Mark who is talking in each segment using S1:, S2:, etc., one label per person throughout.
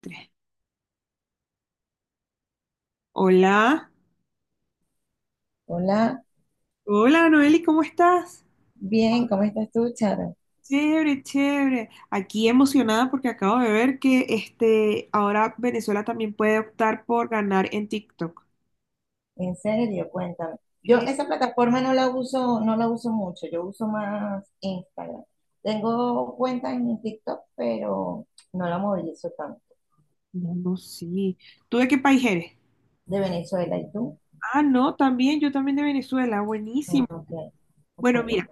S1: Tres. Hola,
S2: Hola,
S1: hola Noeli, ¿cómo estás?
S2: bien, ¿cómo estás tú, Charo?
S1: Chévere, chévere. Aquí emocionada porque acabo de ver que ahora Venezuela también puede optar por ganar en TikTok.
S2: En serio, cuéntame. Yo
S1: Sí.
S2: esa plataforma no la uso, no la uso mucho, yo uso más Instagram. Tengo cuenta en TikTok, pero no la movilizo tanto.
S1: No, no, sí. ¿Tú de qué país eres?
S2: De Venezuela, ¿y tú?
S1: Ah, no, también, yo también de Venezuela,
S2: Ah,
S1: buenísimo.
S2: ok, ok.
S1: Bueno, mira,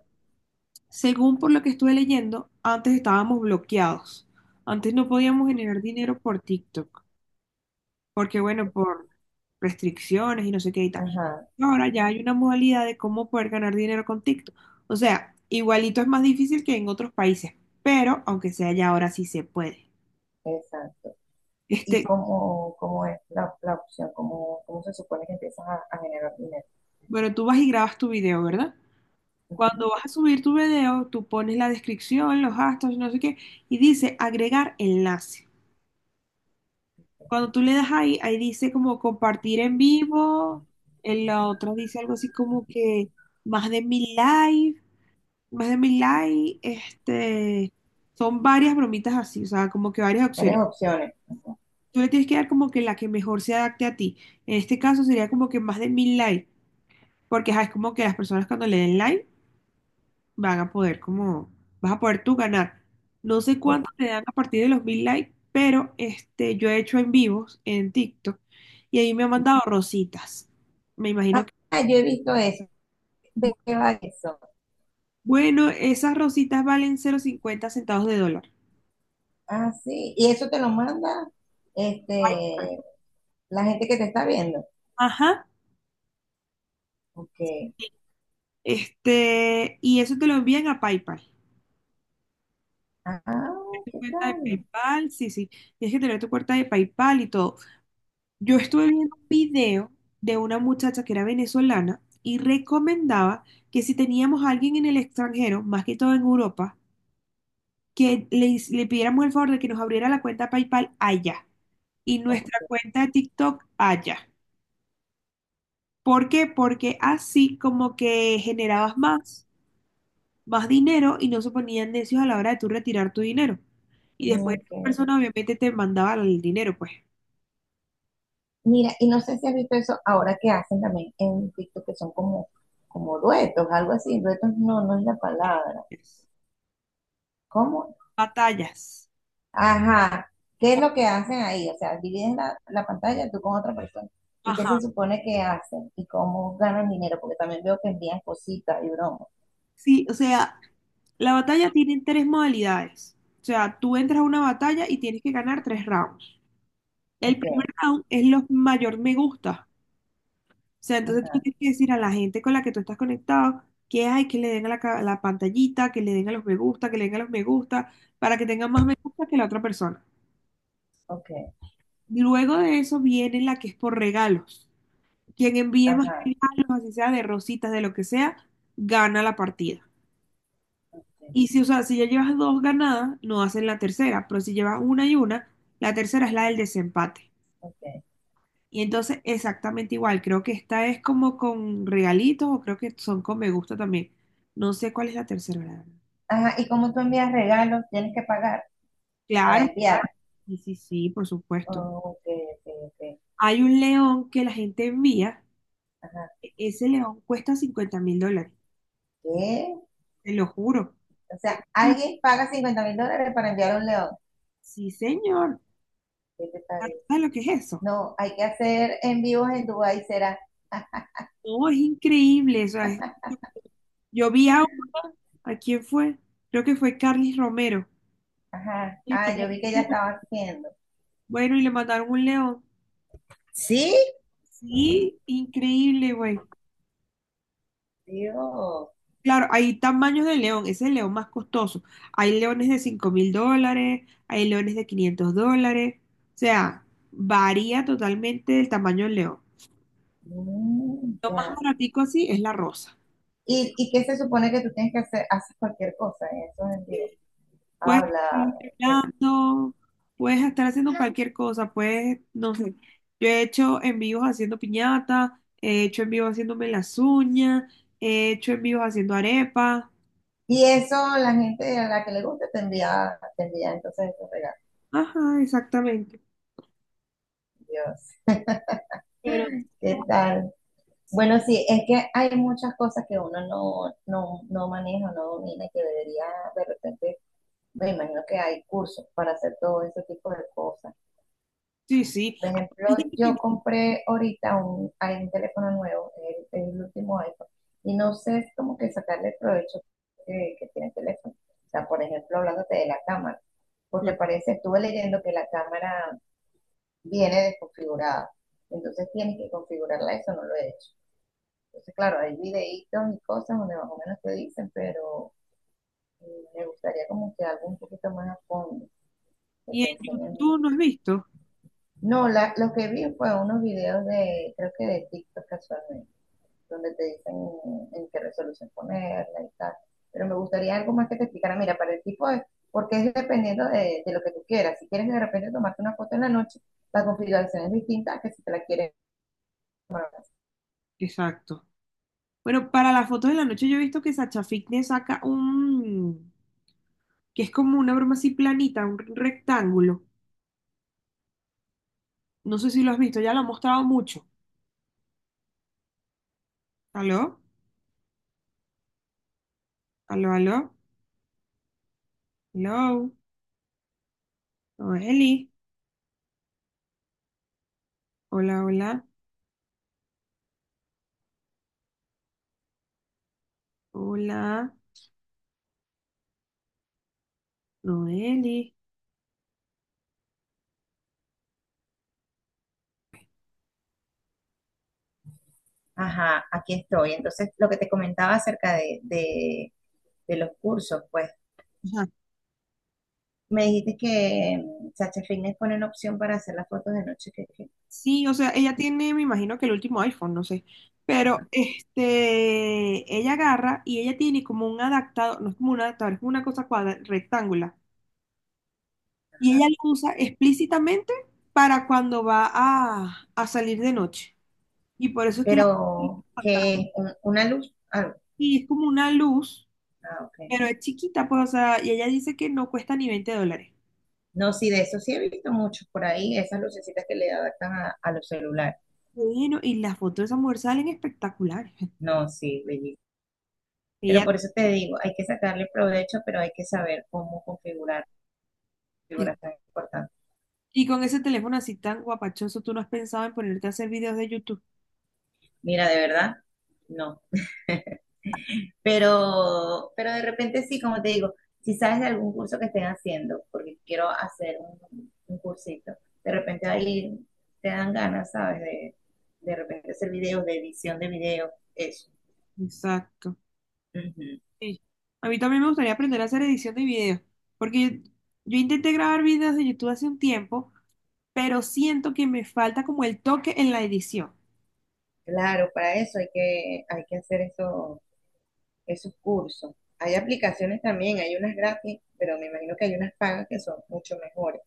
S1: según por lo que estuve leyendo, antes estábamos bloqueados. Antes no podíamos generar dinero por TikTok. Porque bueno, por restricciones y no sé qué y tal.
S2: Ajá,
S1: Ahora ya hay una modalidad de cómo poder ganar dinero con TikTok. O sea, igualito es más difícil que en otros países, pero aunque sea ya ahora sí se puede.
S2: exacto. ¿Y
S1: Este,
S2: cómo, cómo es la opción? ¿Cómo se supone que empiezas a generar dinero?
S1: bueno, tú vas y grabas tu video, ¿verdad? Cuando vas a subir tu video, tú pones la descripción, los hashtags, no sé qué, y dice agregar enlace. Cuando tú le das ahí, ahí dice como compartir en vivo, en la otra dice algo así como que más de 1.000 likes. Más de mil likes, son varias bromitas así, o sea, como que varias
S2: Varias
S1: opciones.
S2: opciones. Ajá.
S1: Tú le tienes que dar como que la que mejor se adapte a ti. En este caso sería como que más de 1.000 likes, porque ajá, es como que las personas cuando le den like van a poder como, vas a poder tú ganar. No sé
S2: Es-
S1: cuánto te dan a partir de los 1.000 likes, pero yo he hecho en vivos en TikTok y ahí me han mandado rositas. Me imagino
S2: Ah,
S1: que,
S2: yo he visto eso, veo eso.
S1: bueno, esas rositas valen 0,50 centavos de dólar.
S2: Ah, sí. Y eso te lo manda este, la gente que te está viendo.
S1: Ajá.
S2: Ok.
S1: Y eso te lo envían a PayPal.
S2: Ah,
S1: Es tu
S2: ¿qué
S1: cuenta de
S2: tal?
S1: PayPal, sí, sí. Tienes que tener tu cuenta de PayPal y todo. Yo estuve viendo un video de una muchacha que era venezolana y recomendaba que si teníamos a alguien en el extranjero, más que todo en Europa, que le pidiéramos el favor de que nos abriera la cuenta PayPal allá y nuestra
S2: Ok.
S1: cuenta de TikTok allá. ¿Por qué? Porque así como que generabas más dinero y no se ponían necios a la hora de tú retirar tu dinero. Y después
S2: Ok.
S1: esa persona obviamente te mandaba el dinero, pues.
S2: Mira, y no sé si has visto eso ahora que hacen también en TikTok, que son como duetos, algo así. Duetos no, no es la palabra.
S1: Yes.
S2: ¿Cómo?
S1: Batallas.
S2: Ajá. ¿Qué es lo que hacen ahí? O sea, dividen la pantalla tú con otra persona. ¿Y qué se
S1: Ajá.
S2: supone que hacen? ¿Y cómo ganan dinero? Porque también veo que envían cositas y bromas.
S1: Sí, o sea, la batalla tiene tres modalidades. O sea, tú entras a una batalla y tienes que ganar tres rounds. El
S2: Ok.
S1: primer round es los mayor me gusta. O sea, entonces tú
S2: Ajá.
S1: tienes que decir a la gente con la que tú estás conectado que hay que le den a la pantallita, que le den a los me gusta, que le den a los me gusta, para que tengan más me gusta que la otra persona.
S2: Ok.
S1: Luego de eso viene la que es por regalos. Quien envíe más
S2: Ajá.
S1: regalos, así sea de rositas, de lo que sea, gana la partida.
S2: Ok,
S1: Y si, o sea, si ya llevas dos ganadas, no hacen la tercera, pero si llevas una y una, la tercera es la del desempate.
S2: ok.
S1: Y entonces exactamente igual, creo que esta es como con regalitos o creo que son con me gusta también. No sé cuál es la tercera, la verdad.
S2: Ajá, y como tú envías regalos, tienes que pagar para
S1: Claro,
S2: enviar.
S1: sí, sí, sí, por supuesto.
S2: Oh, ok, ok, ok.
S1: Hay un león que la gente envía,
S2: Ajá,
S1: ese león cuesta $50.000.
S2: ¿qué?
S1: Te lo juro.
S2: O sea, alguien paga $50.000 para enviar un león.
S1: Sí, señor.
S2: ¿Qué te parece?
S1: ¿Sabes lo que es eso?
S2: No, hay que hacer en vivos en Dubái, será.
S1: Oh, es increíble. O sea, yo vi ¿a quién fue? Creo que fue Carlos Romero.
S2: Ajá,
S1: Y
S2: ah, yo
S1: mandaron
S2: vi que
S1: un
S2: ya
S1: león.
S2: estaba haciendo.
S1: Bueno, y le mandaron un león.
S2: ¿Sí?
S1: Sí, increíble, güey.
S2: Dios,
S1: Claro, hay tamaños de león. Ese es el león más costoso. Hay leones de $5.000, hay leones de $500. O sea, varía totalmente el tamaño del león.
S2: mm,
S1: Lo más
S2: ya.
S1: baratico así es la rosa.
S2: ¿Y qué se supone que tú tienes que hacer? Haces cualquier cosa en esos en vivo.
S1: Puedes estar
S2: Habla. Ok.
S1: bailando, puedes estar haciendo cualquier cosa, puedes, no sé. Yo he hecho en envíos haciendo piñata, he hecho en envíos haciéndome las uñas, he hecho en envíos haciendo arepas.
S2: Y eso la gente a la que le gusta te envía entonces esos regalos.
S1: Ajá, exactamente.
S2: Dios,
S1: Pero
S2: ¿qué tal?
S1: sí,
S2: Bueno, sí, es que hay muchas cosas que uno no maneja, no domina, y que debería de repente, me imagino que hay cursos para hacer todo ese tipo de cosas.
S1: sí, sí.
S2: Por ejemplo,
S1: Hay gente que
S2: yo compré ahorita hay un teléfono nuevo, el último iPhone, y no sé como que sacarle el provecho que tiene el teléfono. O sea, por ejemplo, hablándote de la cámara, porque
S1: inventa.
S2: parece, estuve leyendo que la cámara viene desconfigurada, entonces tienes que configurarla, eso no lo he hecho. Entonces, claro, hay videitos y cosas donde más o menos te dicen, pero mm, me gustaría como que algo un poquito más a fondo, que
S1: Y
S2: te
S1: en
S2: enseñen.
S1: YouTube no has visto.
S2: No, lo que vi fue unos videos de, creo que de TikTok casualmente, donde te dicen en qué resolución ponerla y tal. Pero me gustaría algo más que te explicara, mira, para el tipo de, porque es dependiendo de lo que tú quieras. Si quieres de repente tomarte una foto en la noche, la configuración es distinta a que si te la quieres tomar.
S1: Exacto. Bueno, para las fotos de la noche yo he visto que Sacha Fitness saca un, que es como una broma así planita, un rectángulo. No sé si lo has visto, ya lo ha mostrado mucho. ¿Aló? Aló, aló, hello, Noeli, hola, hola, hola, Noeli.
S2: Ajá, aquí estoy. Entonces, lo que te comentaba acerca de los cursos, pues.
S1: Ajá.
S2: Me dijiste que Sacha Fitness pone una opción para hacer las fotos de noche.
S1: Sí, o sea, ella tiene, me imagino que el último iPhone, no sé, pero
S2: Ajá.
S1: ella agarra y ella tiene como un adaptador, no es como un adaptador, es como una cosa cuadra, rectangular, y
S2: Ajá.
S1: ella lo usa explícitamente para cuando va a salir de noche, y por eso es que la...
S2: Pero que es una luz. Ah,
S1: Y es como una luz,
S2: ok.
S1: pero es chiquita, pues, o sea, y ella dice que no cuesta ni $20.
S2: No, sí, de eso sí he visto muchos por ahí, esas lucecitas que le adaptan a los celulares.
S1: Bueno, y las fotos de esa mujer salen espectaculares.
S2: No, sí, bellísimo. Pero
S1: Ella,
S2: por eso te digo, hay que sacarle provecho, pero hay que saber cómo configurar tan importante.
S1: y con ese teléfono así tan guapachoso, tú no has pensado en ponerte a hacer videos de YouTube.
S2: Mira, de verdad, no. Pero de repente sí, como te digo, si sabes de algún curso que estén haciendo, porque quiero hacer un cursito, de repente ahí te dan ganas, ¿sabes? De repente hacer videos, de edición de videos, eso.
S1: Exacto.
S2: Ujú.
S1: Sí. A mí también me gustaría aprender a hacer edición de videos, porque yo intenté grabar videos de YouTube hace un tiempo, pero siento que me falta como el toque en la edición.
S2: Claro, para eso hay que hacer eso, esos cursos. Hay aplicaciones también, hay unas gratis, pero me imagino que hay unas pagas que son mucho mejores,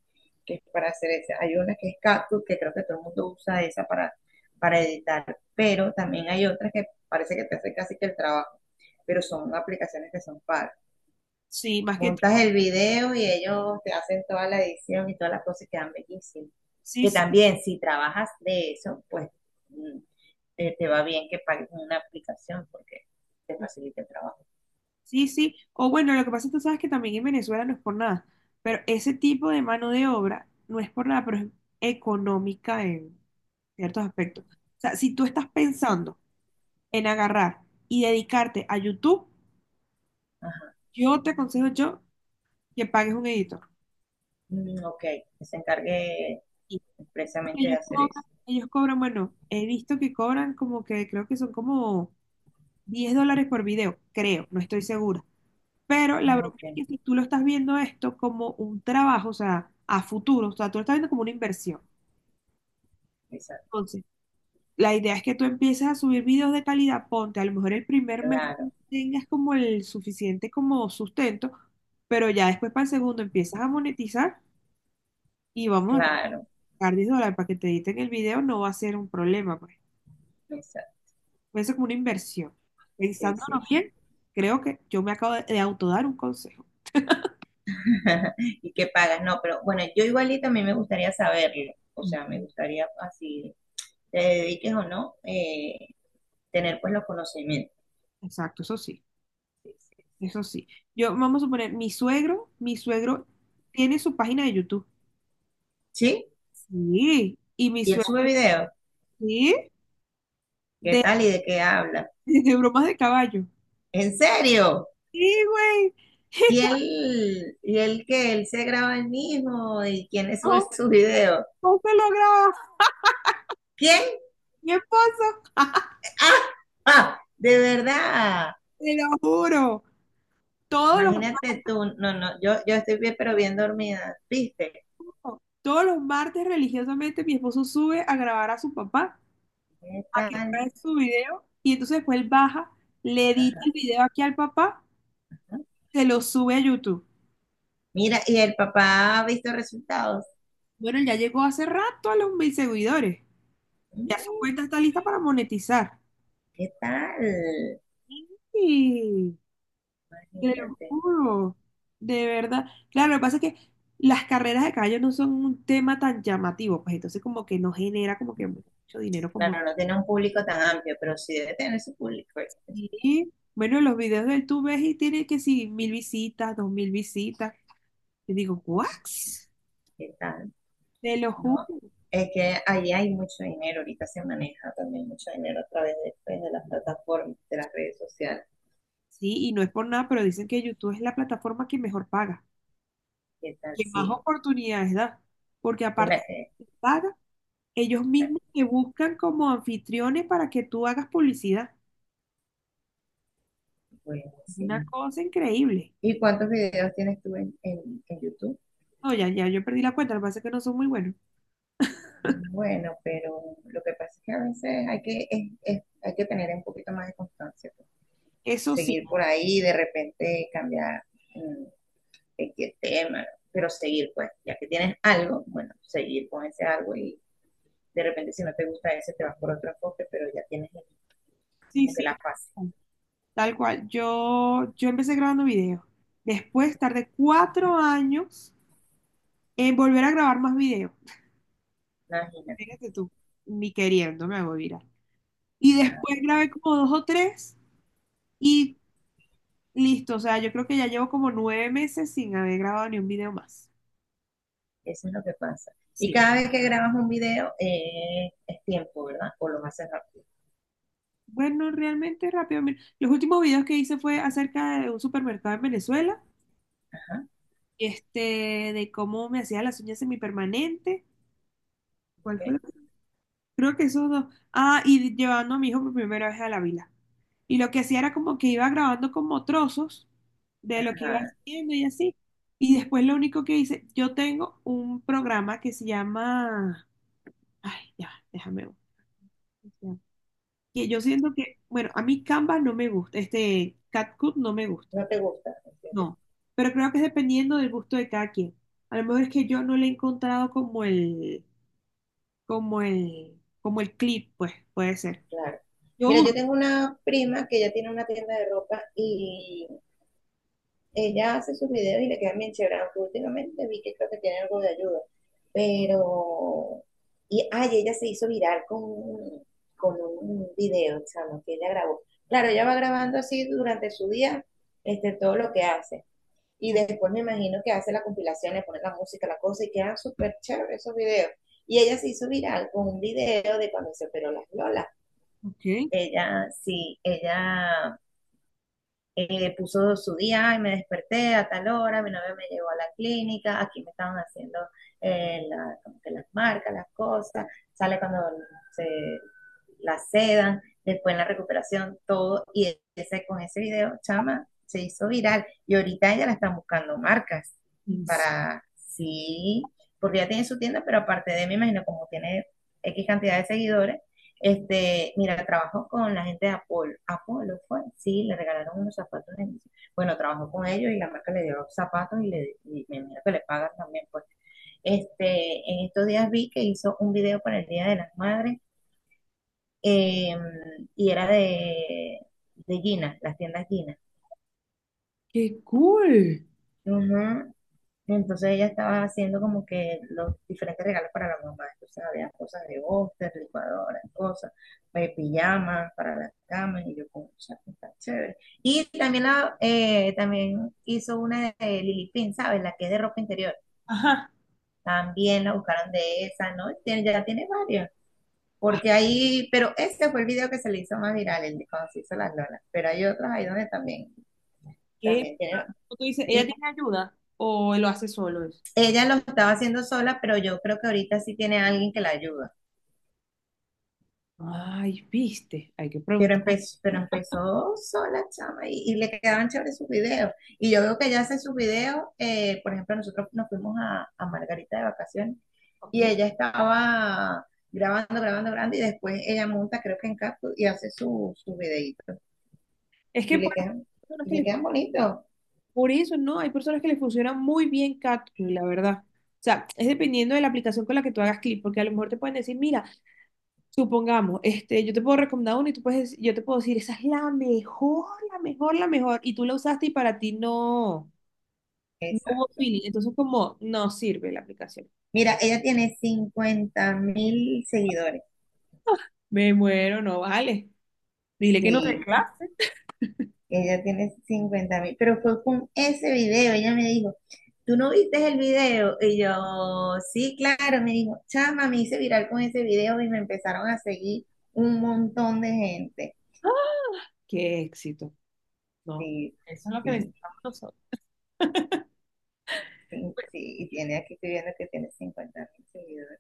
S2: que es para hacer eso. Hay una que es CapCut que creo que todo el mundo usa esa para editar, pero también hay otras que parece que te hace casi que el trabajo, pero son aplicaciones que son pagas.
S1: Sí, más que
S2: Montas el video y ellos te hacen toda la edición y todas las cosas y quedan bellísimas.
S1: sí,
S2: Que
S1: sí,
S2: también si trabajas de eso, pues mm, te va bien que pagues una aplicación porque te facilita el trabajo.
S1: sí, sí. O bueno, lo que pasa es que tú sabes que también en Venezuela no es por nada, pero ese tipo de mano de obra no es por nada, pero es económica en ciertos aspectos. O sea, si tú estás pensando en agarrar y dedicarte a YouTube,
S2: Ajá.
S1: yo te aconsejo yo que pagues un editor.
S2: Mm, ok, que se encargue
S1: Y porque
S2: expresamente de hacer eso.
S1: ellos cobran, bueno, he visto que cobran como que creo que son como $10 por video, creo, no estoy segura. Pero la broma
S2: Ok,
S1: es que si tú lo estás viendo esto como un trabajo, o sea, a futuro, o sea, tú lo estás viendo como una inversión.
S2: exacto.
S1: Entonces, la idea es que tú empieces a subir videos de calidad, ponte, a lo mejor el primer mes
S2: Claro,
S1: no tengas como el suficiente como sustento, pero ya después para el segundo empiezas a monetizar y vamos a
S2: claro,
S1: pagar $10 para que te editen el video, no va a ser un problema, pues.
S2: exacto.
S1: Puede ser como una inversión.
S2: Sí, sí.
S1: Pensándolo bien, creo que yo me acabo de autodar un consejo.
S2: ¿Y qué pagas? No, pero bueno, yo igualito a mí me gustaría saberlo. O sea, me gustaría así, te dediques o no, tener pues los conocimientos.
S1: Exacto, eso sí,
S2: Sí, sí.
S1: eso sí. Yo, vamos a suponer, mi suegro tiene su página de YouTube.
S2: ¿Sí?
S1: Sí, y mi
S2: Y él
S1: suegro,
S2: sube videos.
S1: sí,
S2: ¿Qué
S1: de,
S2: tal y de qué habla?
S1: de bromas de caballo.
S2: ¿En serio?
S1: Sí, güey.
S2: ¿Y
S1: Y
S2: él, y él que él se graba él mismo? ¿Y quién le sube
S1: tampoco
S2: sus videos?
S1: no se lo graba
S2: ¿Quién?
S1: mi esposo.
S2: ¡Ah! De verdad.
S1: Te lo juro. Todos los,
S2: Imagínate tú, no, no, yo estoy bien, pero bien dormida, ¿viste?
S1: no, todos los martes religiosamente mi esposo sube a grabar a su papá,
S2: ¿Qué
S1: a que
S2: tal?
S1: grabe su video. Y entonces después él baja, le edita
S2: Ajá.
S1: el video aquí al papá,
S2: ¿No?
S1: se lo sube a YouTube.
S2: Mira, y el papá ha visto resultados.
S1: Bueno, él ya llegó hace rato a los 1.000 seguidores. Ya su
S2: Mm,
S1: cuenta está lista para monetizar.
S2: ¿qué tal?
S1: Y. Te lo
S2: Imagínate.
S1: juro, de verdad. Claro, lo que pasa es que las carreras de caballo no son un tema tan llamativo, pues entonces como que no genera como que mucho dinero como...
S2: Claro, no tiene un público tan amplio, pero sí debe tener su público.
S1: Sí. Bueno, los videos de él tú ves y tiene que sí, 1.000 visitas, 2.000 visitas. Y digo, ¿what?
S2: ¿Qué tal?
S1: Te lo
S2: No,
S1: juro.
S2: es que ahí hay mucho dinero, ahorita se maneja también mucho dinero a través de, pues, de las plataformas, de las redes sociales.
S1: Sí, y no es por nada, pero dicen que YouTube es la plataforma que mejor paga,
S2: ¿Qué tal?
S1: que más
S2: Sí.
S1: oportunidades da, porque aparte
S2: Mira,
S1: de que paga, ellos mismos te buscan como anfitriones para que tú hagas publicidad.
S2: bueno,
S1: Una
S2: sí.
S1: cosa increíble.
S2: ¿Y cuántos videos tienes tú en YouTube?
S1: No, ya, ya, yo perdí la cuenta, lo que pasa es que no son muy buenos.
S2: Bueno, pero lo que pasa es que a veces hay que tener un poquito más de constancia, pues.
S1: Eso sí,
S2: Seguir por ahí, y de repente cambiar mm, de qué tema, pero seguir, pues, ya que tienes algo, bueno, seguir con ese algo y de repente si no te gusta ese te vas por otro enfoque, pero ya tienes
S1: sí,
S2: como que la
S1: sí,
S2: fase.
S1: tal cual. Yo empecé grabando videos. Después tardé 4 años en volver a grabar más videos.
S2: No, imagínate,
S1: Fíjate tú, ni queriendo me hago viral. Y después
S2: nada,
S1: grabé como dos o tres y listo. O sea, yo creo que ya llevo como 9 meses sin haber grabado ni un video más.
S2: eso es lo que pasa. Y
S1: Sí.
S2: cada vez que grabas un video es tiempo, ¿verdad? O lo haces rápido.
S1: Bueno, realmente rápido. Mira, los últimos videos que hice fue acerca de un supermercado en Venezuela,
S2: Ajá,
S1: de cómo me hacía las uñas semipermanentes. ¿Cuál fue?
S2: ok.
S1: Creo que esos dos. Ah, y llevando a mi hijo por primera vez a la vila. Y lo que hacía era como que iba grabando como trozos de lo que iba
S2: Ajá,
S1: haciendo y así. Y después lo único que hice, yo tengo un programa que se llama, ay, ya, déjame ver. Ya. Que yo siento que, bueno, a mí Canva no me gusta, este CapCut no me gusta,
S2: no te gusta.
S1: no. Pero creo que es dependiendo del gusto de cada quien. A lo mejor es que yo no le he encontrado como el, como el clip, pues, puede ser.
S2: Claro.
S1: Yo
S2: Mira,
S1: uso.
S2: yo tengo una prima que ella tiene una tienda de ropa y ella hace sus videos y le quedan bien chéveres. Aunque últimamente vi que creo que tiene algo de ayuda. Pero, y ay, ella se hizo viral con un video, chamo, que ella grabó. Claro, ella va grabando así durante su día todo lo que hace. Y después me imagino que hace la compilación, le pone la música, la cosa, y quedan súper chéveres esos videos. Y ella se hizo viral con un video de cuando se operó las lolas.
S1: Ok.
S2: Ella, sí, ella puso su día y me desperté a tal hora, mi novio me llevó a la clínica, aquí me estaban haciendo como que las marcas, las cosas, sale cuando se la sedan, después en la recuperación, todo, y ese, con ese video, chama, se hizo viral, y ahorita ella la están buscando marcas
S1: Yes.
S2: para, sí, porque ya tiene su tienda, pero aparte de, me imagino, como tiene X cantidad de seguidores, mira, trabajo con la gente de Apolo. Apolo fue, sí, le regalaron unos zapatos. Bueno, trabajó con ellos y la marca le dio zapatos y me imagino que le pagan también. Pues. En estos días vi que hizo un video para el Día de las Madres eh, y era de Gina, las tiendas Gina.
S1: Qué cool.
S2: Ujú. Entonces ella estaba haciendo como que los diferentes regalos para la mamá. Entonces había cosas de boster, licuadoras, cosas, pijamas para la cama, y yo como, o sea, está chévere. Y también, también hizo una de Lily Pin, ¿sabes? La que es de ropa interior.
S1: Ajá.
S2: También la buscaron de esa, ¿no? Ya tiene varias.
S1: Ah,
S2: Porque ahí, pero este fue el video que se le hizo más viral, el de cuando se hizo las lolas. Pero hay otros ahí donde también,
S1: ¿qué?
S2: también tiene.
S1: Tú dices, ¿ella
S2: Y
S1: tiene ayuda o él lo hace solo eso?
S2: ella lo estaba haciendo sola, pero yo creo que ahorita sí tiene alguien que la ayuda.
S1: Ay, viste, hay que
S2: Pero
S1: preguntar.
S2: empezó, pero empezó sola, chama, y le quedaban chéveres sus videos. Y yo veo que ella hace sus videos, por ejemplo, nosotros nos fuimos a Margarita de vacaciones
S1: Ok.
S2: y ella estaba grabando, grabando, grabando, y después ella monta, creo que en Capcom, y hace sus su videitos.
S1: Es
S2: Y
S1: que por,
S2: le quedan,
S1: personas
S2: y
S1: que
S2: le
S1: le-
S2: quedan bonitos.
S1: por eso no, hay personas que les funciona muy bien Catwoman, la verdad. O sea, es dependiendo de la aplicación con la que tú hagas clip porque a lo mejor te pueden decir, mira, supongamos, yo te puedo recomendar una y tú puedes, yo te puedo decir, esa es la mejor, la mejor, la mejor, y tú la usaste y para ti no, no hubo
S2: Exacto.
S1: feeling, entonces como, no sirve la aplicación.
S2: Mira, ella tiene 50.000 seguidores.
S1: Me muero, no vale. Dile que no
S2: Sí,
S1: reclame.
S2: ella tiene 50 mil, pero fue con ese video, ella me dijo, ¿tú no viste el video? Y yo, sí, claro, me dijo, chama, me hice viral con ese video y me empezaron a seguir un montón de gente.
S1: Qué éxito, no.
S2: Sí,
S1: Eso es lo que
S2: sí,
S1: necesitamos nosotros.
S2: sí, sí, y tiene, aquí estoy viendo que tiene 50.000 seguidores.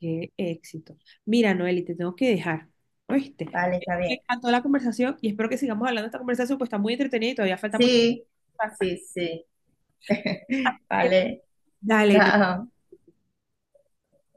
S1: Qué éxito. Mira, Noeli, te tengo que dejar, ¿oíste?
S2: Vale, está
S1: Me
S2: bien.
S1: encantó la conversación y espero que sigamos hablando de esta conversación, pues está muy entretenida y todavía falta mucho.
S2: Sí, sí, sí, vale,
S1: Dale,
S2: chao.